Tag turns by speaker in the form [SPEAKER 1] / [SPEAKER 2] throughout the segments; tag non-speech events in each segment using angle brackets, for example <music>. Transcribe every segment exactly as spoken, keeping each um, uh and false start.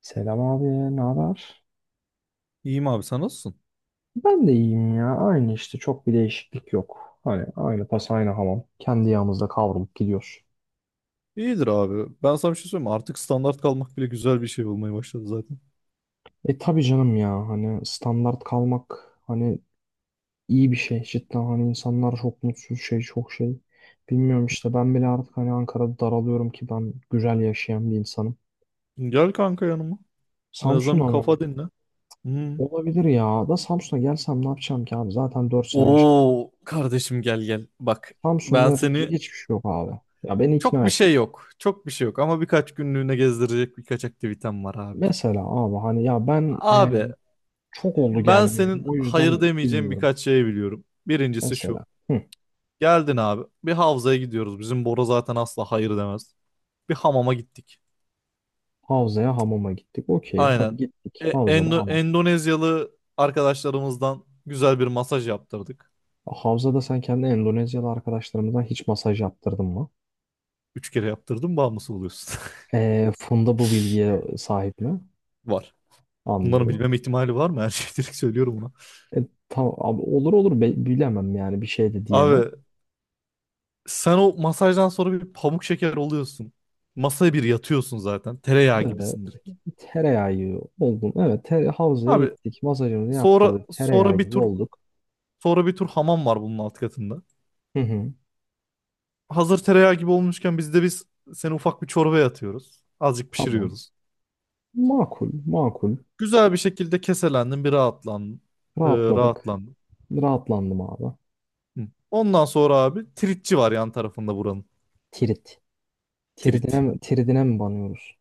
[SPEAKER 1] Selam abi, ne haber?
[SPEAKER 2] İyiyim abi, sen nasılsın?
[SPEAKER 1] Ben de iyiyim ya. Aynı işte çok bir değişiklik yok. Hani aynı tas aynı hamam. Kendi yağımızda kavrulup gidiyor.
[SPEAKER 2] İyidir abi. Ben sana bir şey söyleyeyim mi? Artık standart kalmak bile güzel bir şey olmaya başladı zaten.
[SPEAKER 1] E tabii canım ya, hani standart kalmak, hani iyi bir şey cidden, hani insanlar çok mutsuz şey, çok şey. Bilmiyorum işte, ben bile artık hani Ankara'da daralıyorum ki ben güzel yaşayan bir insanım.
[SPEAKER 2] Gel kanka yanıma. En
[SPEAKER 1] Samsun
[SPEAKER 2] azından bir
[SPEAKER 1] ama
[SPEAKER 2] kafa dinle. Hmm.
[SPEAKER 1] olabilir, ya da Samsun'a gelsem ne yapacağım ki abi, zaten dört sene yaşadım.
[SPEAKER 2] Oo kardeşim, gel gel. Bak,
[SPEAKER 1] Samsun'da
[SPEAKER 2] ben
[SPEAKER 1] yapılacak
[SPEAKER 2] seni
[SPEAKER 1] hiçbir şey yok abi. Ya beni
[SPEAKER 2] çok
[SPEAKER 1] ikna
[SPEAKER 2] bir
[SPEAKER 1] et.
[SPEAKER 2] şey yok. Çok bir şey yok ama birkaç günlüğüne gezdirecek birkaç aktivitem var abicim.
[SPEAKER 1] Mesela abi, hani ya ben e,
[SPEAKER 2] Abi,
[SPEAKER 1] çok oldu
[SPEAKER 2] ben
[SPEAKER 1] gelmeyeli.
[SPEAKER 2] senin
[SPEAKER 1] O
[SPEAKER 2] hayır
[SPEAKER 1] yüzden
[SPEAKER 2] demeyeceğin
[SPEAKER 1] bilmiyorum.
[SPEAKER 2] birkaç şey biliyorum. Birincisi
[SPEAKER 1] Mesela
[SPEAKER 2] şu.
[SPEAKER 1] hı,
[SPEAKER 2] Geldin abi. Bir havzaya gidiyoruz. Bizim Bora zaten asla hayır demez. Bir hamama gittik.
[SPEAKER 1] havzaya hamama gittik. Okey, hadi
[SPEAKER 2] Aynen.
[SPEAKER 1] gittik.
[SPEAKER 2] E-
[SPEAKER 1] Havzada
[SPEAKER 2] Endo-
[SPEAKER 1] hamam.
[SPEAKER 2] Endonezyalı arkadaşlarımızdan güzel bir masaj yaptırdık.
[SPEAKER 1] Havzada sen kendi Endonezyalı arkadaşlarımızdan hiç masaj yaptırdın mı?
[SPEAKER 2] Üç kere yaptırdım, bağımlısı oluyorsun.
[SPEAKER 1] E, Funda bu bilgiye sahip mi?
[SPEAKER 2] <laughs> Var. Bunların
[SPEAKER 1] Anlıyorum.
[SPEAKER 2] bilmem ihtimali var mı? Her şeyi direkt söylüyorum buna.
[SPEAKER 1] E, tamam abi, olur olur, Be- bilemem yani, bir şey de diyemem.
[SPEAKER 2] Abi, sen o masajdan sonra bir pamuk şeker oluyorsun. Masaya bir yatıyorsun zaten. Tereyağı
[SPEAKER 1] Evet,
[SPEAKER 2] gibisin direkt.
[SPEAKER 1] tereyağı oldum. Evet, tere- havzaya
[SPEAKER 2] Abi,
[SPEAKER 1] gittik. Masajımızı
[SPEAKER 2] sonra
[SPEAKER 1] yaptırdık. Tereyağı
[SPEAKER 2] sonra bir
[SPEAKER 1] gibi
[SPEAKER 2] tur
[SPEAKER 1] olduk.
[SPEAKER 2] sonra bir tur hamam var bunun alt katında.
[SPEAKER 1] Hı hı.
[SPEAKER 2] Hazır tereyağı gibi olmuşken biz de biz seni ufak bir çorbaya atıyoruz. Azıcık
[SPEAKER 1] Tamam.
[SPEAKER 2] pişiriyoruz.
[SPEAKER 1] Makul makul.
[SPEAKER 2] Güzel bir şekilde keselendim, bir rahatlandım. Ee,
[SPEAKER 1] Rahatladık.
[SPEAKER 2] rahatlandım.
[SPEAKER 1] Rahatlandım abi.
[SPEAKER 2] Hı. Ondan sonra abi, tritçi var yan tarafında buranın.
[SPEAKER 1] Tirit. Tiridine
[SPEAKER 2] Trit.
[SPEAKER 1] mi, tiridine mi banıyoruz?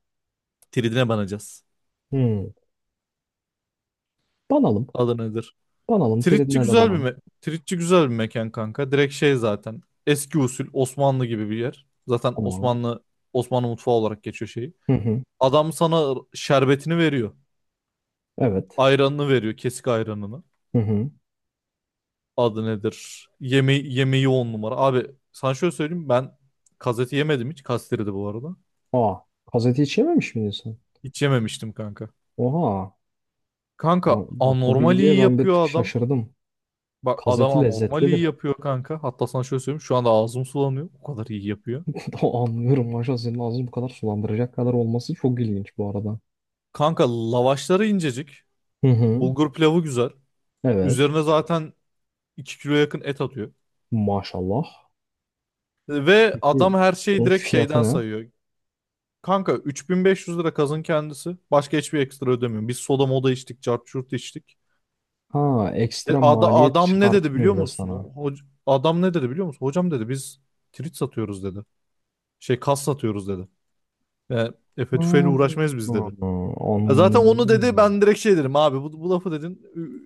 [SPEAKER 2] Tridine banacağız.
[SPEAKER 1] Hmm. Banalım.
[SPEAKER 2] Adı nedir?
[SPEAKER 1] Banalım.
[SPEAKER 2] Tritçi
[SPEAKER 1] Tiridine de
[SPEAKER 2] güzel bir
[SPEAKER 1] banalım.
[SPEAKER 2] me Tritçi güzel bir mekan kanka. Direkt şey zaten. Eski usul Osmanlı gibi bir yer. Zaten
[SPEAKER 1] Tamam.
[SPEAKER 2] Osmanlı Osmanlı mutfağı olarak geçiyor şeyi.
[SPEAKER 1] Hı hı.
[SPEAKER 2] Adam sana şerbetini veriyor.
[SPEAKER 1] Evet.
[SPEAKER 2] Ayranını veriyor, kesik ayranını.
[SPEAKER 1] Hı hı.
[SPEAKER 2] Adı nedir? Yeme yemeği on numara. Abi, sana şöyle söyleyeyim, ben kazeti yemedim hiç. Kastiri de bu arada.
[SPEAKER 1] Aa. Gazete içememiş miydin sen?
[SPEAKER 2] Hiç yememiştim kanka.
[SPEAKER 1] Oha.
[SPEAKER 2] Kanka,
[SPEAKER 1] Ba- Bak, o
[SPEAKER 2] anormal
[SPEAKER 1] bilgiye
[SPEAKER 2] iyi
[SPEAKER 1] ben bir
[SPEAKER 2] yapıyor
[SPEAKER 1] tık
[SPEAKER 2] adam.
[SPEAKER 1] şaşırdım.
[SPEAKER 2] Bak, adam
[SPEAKER 1] Gazeti
[SPEAKER 2] anormal iyi
[SPEAKER 1] lezzetlidir.
[SPEAKER 2] yapıyor kanka. Hatta sana şöyle söyleyeyim. Şu anda ağzım sulanıyor. O kadar iyi yapıyor.
[SPEAKER 1] <laughs> Anlıyorum. Maşallah, senin ağzını bu kadar sulandıracak kadar olması çok ilginç bu arada.
[SPEAKER 2] Kanka, lavaşları incecik.
[SPEAKER 1] Hı hı.
[SPEAKER 2] Bulgur pilavı güzel.
[SPEAKER 1] Evet.
[SPEAKER 2] Üzerine zaten iki kilo yakın et atıyor.
[SPEAKER 1] Maşallah.
[SPEAKER 2] Ve
[SPEAKER 1] Peki
[SPEAKER 2] adam her şeyi
[SPEAKER 1] bunun
[SPEAKER 2] direkt
[SPEAKER 1] fiyatı
[SPEAKER 2] şeyden
[SPEAKER 1] ne?
[SPEAKER 2] sayıyor. Kanka, üç bin beş yüz lira kazın kendisi. Başka hiçbir ekstra ödemiyorum. Biz soda moda içtik, cart curt içtik.
[SPEAKER 1] Ha,
[SPEAKER 2] E,
[SPEAKER 1] ekstra
[SPEAKER 2] ada-
[SPEAKER 1] maliyet
[SPEAKER 2] adam ne dedi
[SPEAKER 1] çıkartmıyor
[SPEAKER 2] biliyor
[SPEAKER 1] bile
[SPEAKER 2] musun? O,
[SPEAKER 1] sana.
[SPEAKER 2] hoc- adam ne dedi biliyor musun? Hocam dedi, biz trit satıyoruz dedi. Şey kas satıyoruz dedi. Yani Efe tüfeğiyle
[SPEAKER 1] Hmm,
[SPEAKER 2] uğraşmayız biz dedi.
[SPEAKER 1] hmm,
[SPEAKER 2] Ya zaten onu dedi,
[SPEAKER 1] anlıyorum.
[SPEAKER 2] ben direkt şey dedim: abi bu, bu lafı dedin,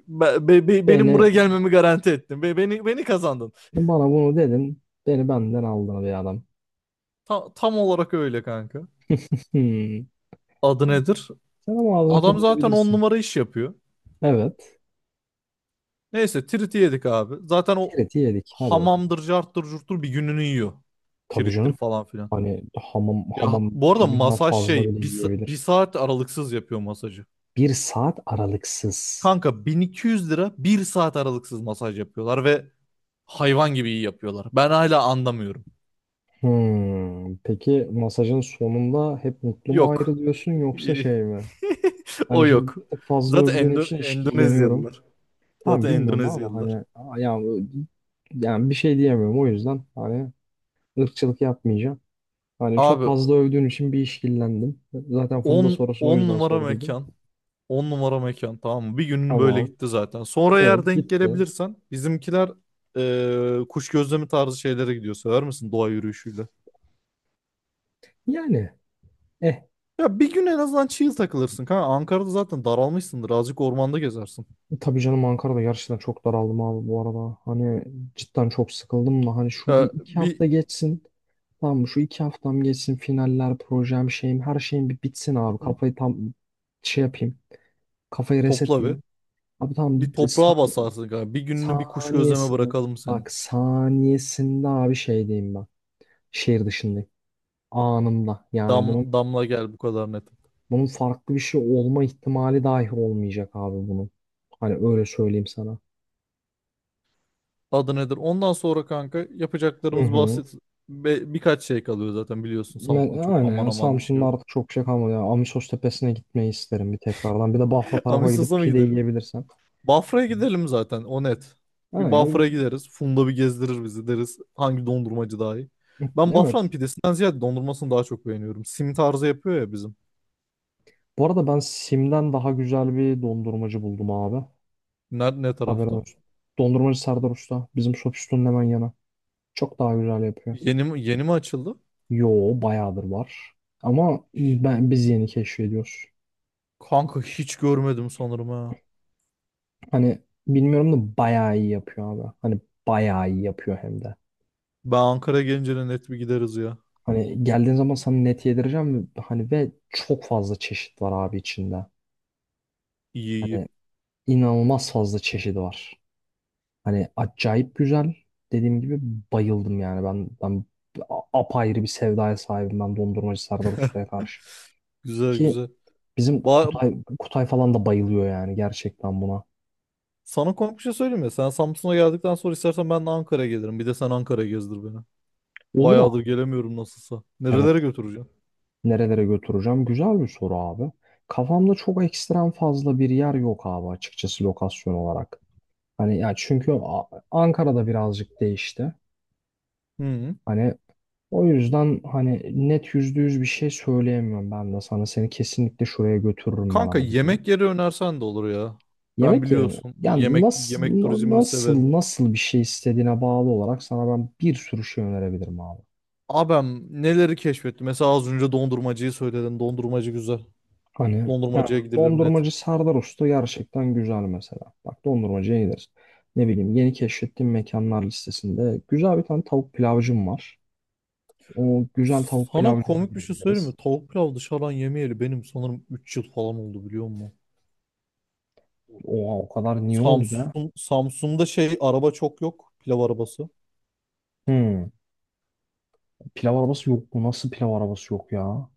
[SPEAKER 2] Be- be- be- benim
[SPEAKER 1] Beni,
[SPEAKER 2] buraya gelmemi garanti ettin. Be- beni beni kazandın.
[SPEAKER 1] bana bunu dedin. Beni benden aldın bir adam.
[SPEAKER 2] Ta- tam olarak öyle kanka.
[SPEAKER 1] Hmm.
[SPEAKER 2] Adı nedir?
[SPEAKER 1] Sen ama ağzını
[SPEAKER 2] Adam
[SPEAKER 1] tadını
[SPEAKER 2] zaten on
[SPEAKER 1] bilirsin.
[SPEAKER 2] numara iş yapıyor.
[SPEAKER 1] Evet.
[SPEAKER 2] Neyse, triti yedik abi. Zaten o
[SPEAKER 1] Tireti yedik. Hadi bakalım.
[SPEAKER 2] hamamdır, carttır, curttur bir gününü yiyor.
[SPEAKER 1] Tabii
[SPEAKER 2] Trittir
[SPEAKER 1] canım.
[SPEAKER 2] falan filan.
[SPEAKER 1] Hani hamam,
[SPEAKER 2] Ya
[SPEAKER 1] hamam
[SPEAKER 2] bu
[SPEAKER 1] bir
[SPEAKER 2] arada
[SPEAKER 1] günden
[SPEAKER 2] masaj
[SPEAKER 1] fazla bile
[SPEAKER 2] şey bir, sa- bir
[SPEAKER 1] yiyebilir.
[SPEAKER 2] saat aralıksız yapıyor masajı.
[SPEAKER 1] Bir saat aralıksız.
[SPEAKER 2] Kanka, bin iki yüz lira bir saat aralıksız masaj yapıyorlar ve hayvan gibi iyi yapıyorlar. Ben hala anlamıyorum.
[SPEAKER 1] Hmm. Peki masajın sonunda hep mutlu mu
[SPEAKER 2] Yok.
[SPEAKER 1] ayrılıyorsun, yoksa şey
[SPEAKER 2] <laughs>
[SPEAKER 1] mi?
[SPEAKER 2] O
[SPEAKER 1] Hani şimdi
[SPEAKER 2] yok.
[SPEAKER 1] bir tık fazla
[SPEAKER 2] Zaten
[SPEAKER 1] övdüğün
[SPEAKER 2] Endo-
[SPEAKER 1] için işkilleniyorum.
[SPEAKER 2] Endonezyalılar.
[SPEAKER 1] Abi
[SPEAKER 2] Zaten
[SPEAKER 1] bilmiyorum ama
[SPEAKER 2] Endonezyalılar.
[SPEAKER 1] hani yani, yani bir şey diyemiyorum, o yüzden hani ırkçılık yapmayacağım. Hani çok
[SPEAKER 2] Abi,
[SPEAKER 1] fazla övdüğün için bir işkillendim. Zaten Funda
[SPEAKER 2] 10
[SPEAKER 1] sorusunu o
[SPEAKER 2] 10
[SPEAKER 1] yüzden
[SPEAKER 2] numara
[SPEAKER 1] sorduydum.
[SPEAKER 2] mekan. on numara mekan, tamam mı? Bir günün böyle
[SPEAKER 1] Tamam.
[SPEAKER 2] gitti zaten. Sonra eğer
[SPEAKER 1] Evet,
[SPEAKER 2] denk
[SPEAKER 1] gitti.
[SPEAKER 2] gelebilirsen, bizimkiler eee, kuş gözlemi tarzı şeylere gidiyor. Sever misin doğa yürüyüşüyle?
[SPEAKER 1] Yani eh,
[SPEAKER 2] Ya bir gün en azından chill takılırsın. Kanka Ankara'da zaten daralmışsındır. Azıcık ormanda gezersin.
[SPEAKER 1] tabii canım, Ankara'da gerçekten çok daraldım abi bu arada. Hani cidden çok sıkıldım da, hani şu bir
[SPEAKER 2] Ya
[SPEAKER 1] iki
[SPEAKER 2] bir
[SPEAKER 1] hafta geçsin. Tamam mı? Şu iki haftam geçsin. Finaller, projem, şeyim, her şeyim bir bitsin abi.
[SPEAKER 2] Hı hı.
[SPEAKER 1] Kafayı tam şey yapayım. Kafayı
[SPEAKER 2] Topla bir.
[SPEAKER 1] resetleyeyim. Abi tamam.
[SPEAKER 2] Bir toprağa basarsın kanka. Bir gününü bir kuş gözleme
[SPEAKER 1] Saniyesinde.
[SPEAKER 2] bırakalım
[SPEAKER 1] Bak
[SPEAKER 2] senin.
[SPEAKER 1] saniyesinde abi, şey diyeyim ben. Şehir dışındayım. Anında. Yani
[SPEAKER 2] Dam,
[SPEAKER 1] bunun
[SPEAKER 2] damla gel, bu kadar net.
[SPEAKER 1] bunun farklı bir şey olma ihtimali dahi olmayacak abi bunun. Hani öyle söyleyeyim sana.
[SPEAKER 2] Adı nedir? Ondan sonra kanka,
[SPEAKER 1] Hı
[SPEAKER 2] yapacaklarımız
[SPEAKER 1] hı.
[SPEAKER 2] basit. Be- birkaç şey kalıyor zaten, biliyorsun
[SPEAKER 1] Ben,
[SPEAKER 2] Samsun'da çok
[SPEAKER 1] aynen
[SPEAKER 2] aman
[SPEAKER 1] yani
[SPEAKER 2] aman bir şey
[SPEAKER 1] Samsun'da
[SPEAKER 2] yok.
[SPEAKER 1] artık çok şey kalmadı. Yani Amisos Tepesi'ne gitmeyi isterim bir tekrardan. Bir de Bahra
[SPEAKER 2] <laughs>
[SPEAKER 1] tarafa gidip
[SPEAKER 2] Amistosa mı
[SPEAKER 1] pide
[SPEAKER 2] gidelim?
[SPEAKER 1] yiyebilirsen.
[SPEAKER 2] Bafra'ya gidelim zaten, o net. Bir
[SPEAKER 1] Ama ya,
[SPEAKER 2] Bafra'ya
[SPEAKER 1] bir-
[SPEAKER 2] gideriz. Funda bir gezdirir bizi deriz. Hangi dondurmacı daha iyi?
[SPEAKER 1] bir-
[SPEAKER 2] Ben Bafra'nın
[SPEAKER 1] evet.
[SPEAKER 2] pidesinden ziyade dondurmasını daha çok beğeniyorum. Sim tarzı yapıyor ya bizim.
[SPEAKER 1] Bu arada ben Sim'den daha güzel bir dondurmacı buldum abi.
[SPEAKER 2] Ne, ne
[SPEAKER 1] Haberin
[SPEAKER 2] tarafta?
[SPEAKER 1] olsun. Dondurmacı Serdar Usta. Bizim Sofisto'nun hemen yanı. Çok daha güzel yapıyor.
[SPEAKER 2] Yeni mi, yeni mi açıldı?
[SPEAKER 1] Yo, bayağıdır var. Ama ben, biz yeni keşfediyoruz.
[SPEAKER 2] Kanka, hiç görmedim sanırım ha.
[SPEAKER 1] Hani bilmiyorum da bayağı iyi yapıyor abi. Hani bayağı iyi yapıyor hem de.
[SPEAKER 2] Ben Ankara gelince de net bir gideriz ya.
[SPEAKER 1] Hani geldiğin zaman sana net yedireceğim, ve hani ve çok fazla çeşit var abi içinde.
[SPEAKER 2] İyi iyi.
[SPEAKER 1] Hani inanılmaz fazla çeşidi var. Hani acayip güzel. Dediğim gibi bayıldım yani. Ben, ben a- apayrı bir sevdaya sahibim ben, dondurmacı Serdar Usta'ya karşı.
[SPEAKER 2] Güzel
[SPEAKER 1] Ki
[SPEAKER 2] güzel.
[SPEAKER 1] bizim
[SPEAKER 2] Ba-
[SPEAKER 1] Kutay, Kutay falan da bayılıyor yani gerçekten buna.
[SPEAKER 2] Sana komik bir şey söyleyeyim ya. Sen Samsun'a geldikten sonra istersen ben de Ankara'ya gelirim. Bir de sen Ankara'ya gezdir beni.
[SPEAKER 1] Olur.
[SPEAKER 2] Bayağıdır gelemiyorum nasılsa.
[SPEAKER 1] Evet.
[SPEAKER 2] Nerelere götüreceğim?
[SPEAKER 1] Nerelere götüreceğim? Güzel bir soru abi. Kafamda çok ekstrem fazla bir yer yok abi, açıkçası lokasyon olarak. Hani ya, çünkü A- Ankara'da birazcık değişti.
[SPEAKER 2] Hı hı.
[SPEAKER 1] Hani o yüzden hani net yüzde yüz bir şey söyleyemiyorum ben de sana. Seni kesinlikle şuraya götürürüm ben
[SPEAKER 2] Kanka,
[SPEAKER 1] abi diye.
[SPEAKER 2] yemek yeri önersen de olur ya. Ben
[SPEAKER 1] Yemek yerim.
[SPEAKER 2] biliyorsun,
[SPEAKER 1] Yani
[SPEAKER 2] yemek
[SPEAKER 1] nasıl
[SPEAKER 2] yemek
[SPEAKER 1] na-
[SPEAKER 2] turizmini severim.
[SPEAKER 1] nasıl nasıl bir şey istediğine bağlı olarak sana ben bir sürü şey önerebilirim abi.
[SPEAKER 2] Abem neleri keşfetti? Mesela az önce dondurmacıyı söyledin. Dondurmacı güzel.
[SPEAKER 1] Hani yani
[SPEAKER 2] Dondurmacıya gidilir, net.
[SPEAKER 1] dondurmacı Serdar Usta gerçekten güzel mesela. Bak, dondurmacıya gideriz. Ne bileyim, yeni keşfettiğim mekanlar listesinde güzel bir tane tavuk pilavcım var. O güzel tavuk
[SPEAKER 2] Sana
[SPEAKER 1] pilavcıma
[SPEAKER 2] komik bir şey söyleyeyim mi?
[SPEAKER 1] gideriz.
[SPEAKER 2] Tavuk pilav dışarıdan yemeyeli benim sanırım üç yıl falan oldu, biliyor musun?
[SPEAKER 1] Oha, o kadar niye oldu be?
[SPEAKER 2] Samsun, Samsun'da şey araba çok yok. Pilav arabası.
[SPEAKER 1] Hmm, pilav arabası yok mu? Nasıl pilav arabası yok ya?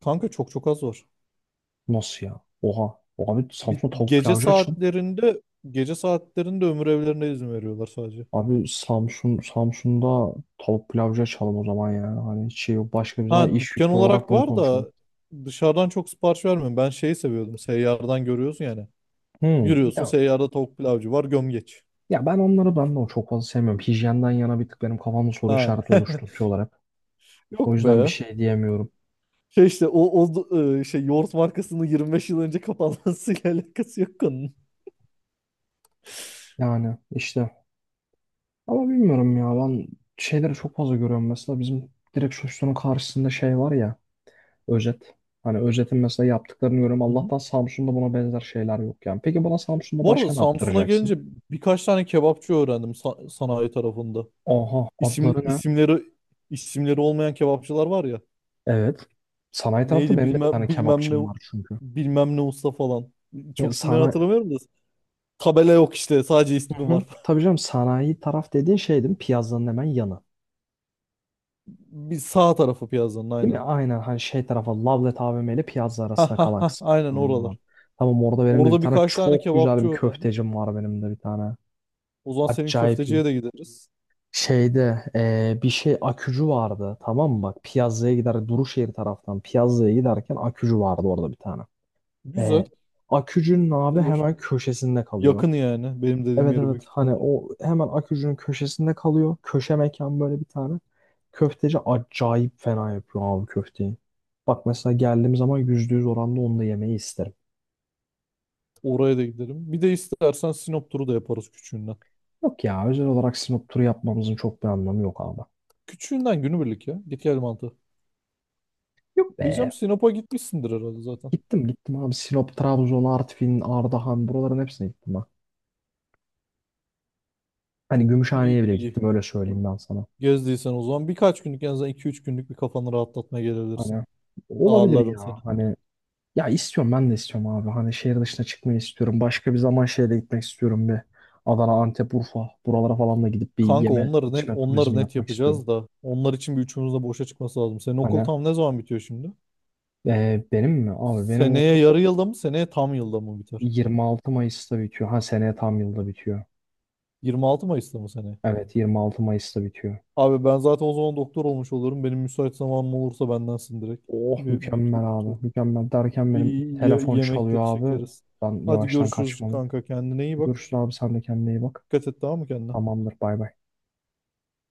[SPEAKER 2] Kanka, çok çok az var.
[SPEAKER 1] Nasıl ya? Oha. Abi
[SPEAKER 2] Bir,
[SPEAKER 1] Samsun'da tavuk
[SPEAKER 2] gece
[SPEAKER 1] pilavcı açın.
[SPEAKER 2] saatlerinde gece saatlerinde ömür evlerine izin veriyorlar sadece.
[SPEAKER 1] Abi Samsun, Samsun'da tavuk pilavcı açalım o zaman ya. Hani hiç şey yok. Başka bir zaman
[SPEAKER 2] Ha
[SPEAKER 1] iş
[SPEAKER 2] dükkan
[SPEAKER 1] fikri olarak
[SPEAKER 2] olarak
[SPEAKER 1] bunu
[SPEAKER 2] var
[SPEAKER 1] konuşalım.
[SPEAKER 2] da, dışarıdan çok sipariş vermiyorum. Ben şeyi seviyordum. Seyyardan görüyorsun yani.
[SPEAKER 1] Hmm.
[SPEAKER 2] Yürüyorsun,
[SPEAKER 1] Ya
[SPEAKER 2] seyyarda tavuk pilavcı var gömgeç.
[SPEAKER 1] Ya ben onları, ben de o çok fazla sevmiyorum. Hijyenden yana bir tık benim kafamda soru
[SPEAKER 2] Ha.
[SPEAKER 1] işareti
[SPEAKER 2] <laughs>
[SPEAKER 1] oluşturtuyorlar hep. O
[SPEAKER 2] Yok
[SPEAKER 1] yüzden bir
[SPEAKER 2] be.
[SPEAKER 1] şey diyemiyorum.
[SPEAKER 2] Şey işte o, o e, Şey, yoğurt markasının yirmi beş yıl önce kapanmasıyla <laughs> alakası yok konunun.
[SPEAKER 1] Yani işte ama bilmiyorum ya, ben şeyleri çok fazla görüyorum. Mesela bizim direkt sosyetenin karşısında şey var ya, Özet. Hani Özet'in mesela yaptıklarını görüyorum.
[SPEAKER 2] Hı hı.
[SPEAKER 1] Allah'tan Samsun'da buna benzer şeyler yok yani. Peki bana Samsun'da
[SPEAKER 2] Bu arada
[SPEAKER 1] başka ne
[SPEAKER 2] Samsun'a
[SPEAKER 1] yaptıracaksın?
[SPEAKER 2] gelince, birkaç tane kebapçı öğrendim sa- sanayi tarafında.
[SPEAKER 1] Oha.
[SPEAKER 2] İsim,
[SPEAKER 1] Adları ne?
[SPEAKER 2] isimleri isimleri olmayan kebapçılar var ya.
[SPEAKER 1] Evet. Sanayi tarafta
[SPEAKER 2] Neydi
[SPEAKER 1] benim de bir tane
[SPEAKER 2] bilmem bilmem
[SPEAKER 1] kebapçım
[SPEAKER 2] ne
[SPEAKER 1] var çünkü.
[SPEAKER 2] bilmem ne usta falan.
[SPEAKER 1] Ya
[SPEAKER 2] Çok isimleri
[SPEAKER 1] sanayi...
[SPEAKER 2] hatırlamıyorum da. Tabela yok işte, sadece
[SPEAKER 1] Hı
[SPEAKER 2] ismi
[SPEAKER 1] hı.
[SPEAKER 2] var.
[SPEAKER 1] Tabii
[SPEAKER 2] <laughs>
[SPEAKER 1] canım, sanayi taraf dediğin şey değil mi? Piyazların hemen yanı.
[SPEAKER 2] Bir sağ tarafı piyazanın,
[SPEAKER 1] Değil mi?
[SPEAKER 2] aynen.
[SPEAKER 1] Aynen, hani şey tarafa, Lavlet A V M ile Piyazza
[SPEAKER 2] Ha
[SPEAKER 1] arasında
[SPEAKER 2] ha
[SPEAKER 1] kalan
[SPEAKER 2] ha,
[SPEAKER 1] kısım.
[SPEAKER 2] aynen
[SPEAKER 1] Tamam.
[SPEAKER 2] oralar.
[SPEAKER 1] Tamam, orada benim de bir
[SPEAKER 2] Orada
[SPEAKER 1] tane
[SPEAKER 2] birkaç tane
[SPEAKER 1] çok güzel
[SPEAKER 2] kebapçı
[SPEAKER 1] bir
[SPEAKER 2] öğrendim.
[SPEAKER 1] köftecim var benim de bir tane.
[SPEAKER 2] O zaman senin
[SPEAKER 1] Acayip iyi.
[SPEAKER 2] köfteciye de gideriz.
[SPEAKER 1] Şeyde eee, bir şey akücü vardı, tamam mı? Bak, Piyazza'ya gider, Duruşehir taraftan Piyazza'ya giderken akücü vardı orada bir tane.
[SPEAKER 2] Güzel.
[SPEAKER 1] Eee akücünün abi
[SPEAKER 2] Gidilir.
[SPEAKER 1] hemen köşesinde kalıyor.
[SPEAKER 2] Yakın yani. Benim dediğim
[SPEAKER 1] Evet
[SPEAKER 2] yere
[SPEAKER 1] evet,
[SPEAKER 2] büyük
[SPEAKER 1] hani
[SPEAKER 2] ihtimalle.
[SPEAKER 1] o hemen Akücü'nün köşesinde kalıyor. Köşe mekan, böyle bir tane. Köfteci acayip fena yapıyor abi köfteyi. Bak mesela, geldiğim zaman yüzde yüz oranda onu da yemeyi isterim.
[SPEAKER 2] Oraya da gidelim. Bir de istersen Sinop turu da yaparız küçüğünden.
[SPEAKER 1] Yok ya, özel olarak Sinop turu yapmamızın çok bir anlamı yok abi.
[SPEAKER 2] Küçüğünden günübirlik ya. Git gel mantığı.
[SPEAKER 1] Yok be.
[SPEAKER 2] Diyeceğim, Sinop'a gitmişsindir herhalde zaten.
[SPEAKER 1] Gittim gittim abi, Sinop, Trabzon, Artvin, Ardahan, buraların hepsine gittim ben. Hani Gümüşhane'ye
[SPEAKER 2] İyidir
[SPEAKER 1] bile
[SPEAKER 2] iyi.
[SPEAKER 1] gittim, öyle söyleyeyim ben sana.
[SPEAKER 2] Gezdiysen o zaman birkaç günlük, en azından iki üç günlük bir kafanı rahatlatmaya gelebilirsin.
[SPEAKER 1] Hani olabilir
[SPEAKER 2] Ağırlarım seni.
[SPEAKER 1] ya hani, ya istiyorum, ben de istiyorum abi. Hani şehir dışına çıkmayı istiyorum. Başka bir zaman şehre gitmek istiyorum bir. Adana, Antep, Urfa. Buralara falan da gidip bir
[SPEAKER 2] Kanka
[SPEAKER 1] yeme
[SPEAKER 2] onları net,
[SPEAKER 1] içme
[SPEAKER 2] onları
[SPEAKER 1] turizmi
[SPEAKER 2] net
[SPEAKER 1] yapmak istiyorum.
[SPEAKER 2] yapacağız da onlar için bir üçümüz de boşa çıkması lazım. Senin okul
[SPEAKER 1] Hani
[SPEAKER 2] tam ne zaman bitiyor şimdi?
[SPEAKER 1] e, benim mi? Abi benim
[SPEAKER 2] Seneye
[SPEAKER 1] okul
[SPEAKER 2] yarı yılda mı? Seneye tam yılda mı biter?
[SPEAKER 1] yirmi altı Mayıs'ta bitiyor. Ha, seneye tam yılda bitiyor.
[SPEAKER 2] yirmi altı Mayıs'ta mı seneye?
[SPEAKER 1] Evet, yirmi altı Mayıs'ta bitiyor.
[SPEAKER 2] Abi ben zaten o zaman doktor olmuş olurum. Benim müsait zamanım olursa bendensin direkt.
[SPEAKER 1] Oh,
[SPEAKER 2] Bir, bir tur,
[SPEAKER 1] mükemmel
[SPEAKER 2] tur-
[SPEAKER 1] abi. Mükemmel derken
[SPEAKER 2] bir
[SPEAKER 1] benim
[SPEAKER 2] ye-
[SPEAKER 1] telefon çalıyor
[SPEAKER 2] Yemekleri
[SPEAKER 1] abi.
[SPEAKER 2] çekeriz.
[SPEAKER 1] Ben
[SPEAKER 2] Hadi
[SPEAKER 1] yavaştan
[SPEAKER 2] görüşürüz
[SPEAKER 1] kaçmalıyım.
[SPEAKER 2] kanka, kendine iyi bak.
[SPEAKER 1] Görüşürüz abi, sen de kendine iyi bak.
[SPEAKER 2] Dikkat et tamam mı kendine?
[SPEAKER 1] Tamamdır, bay bay.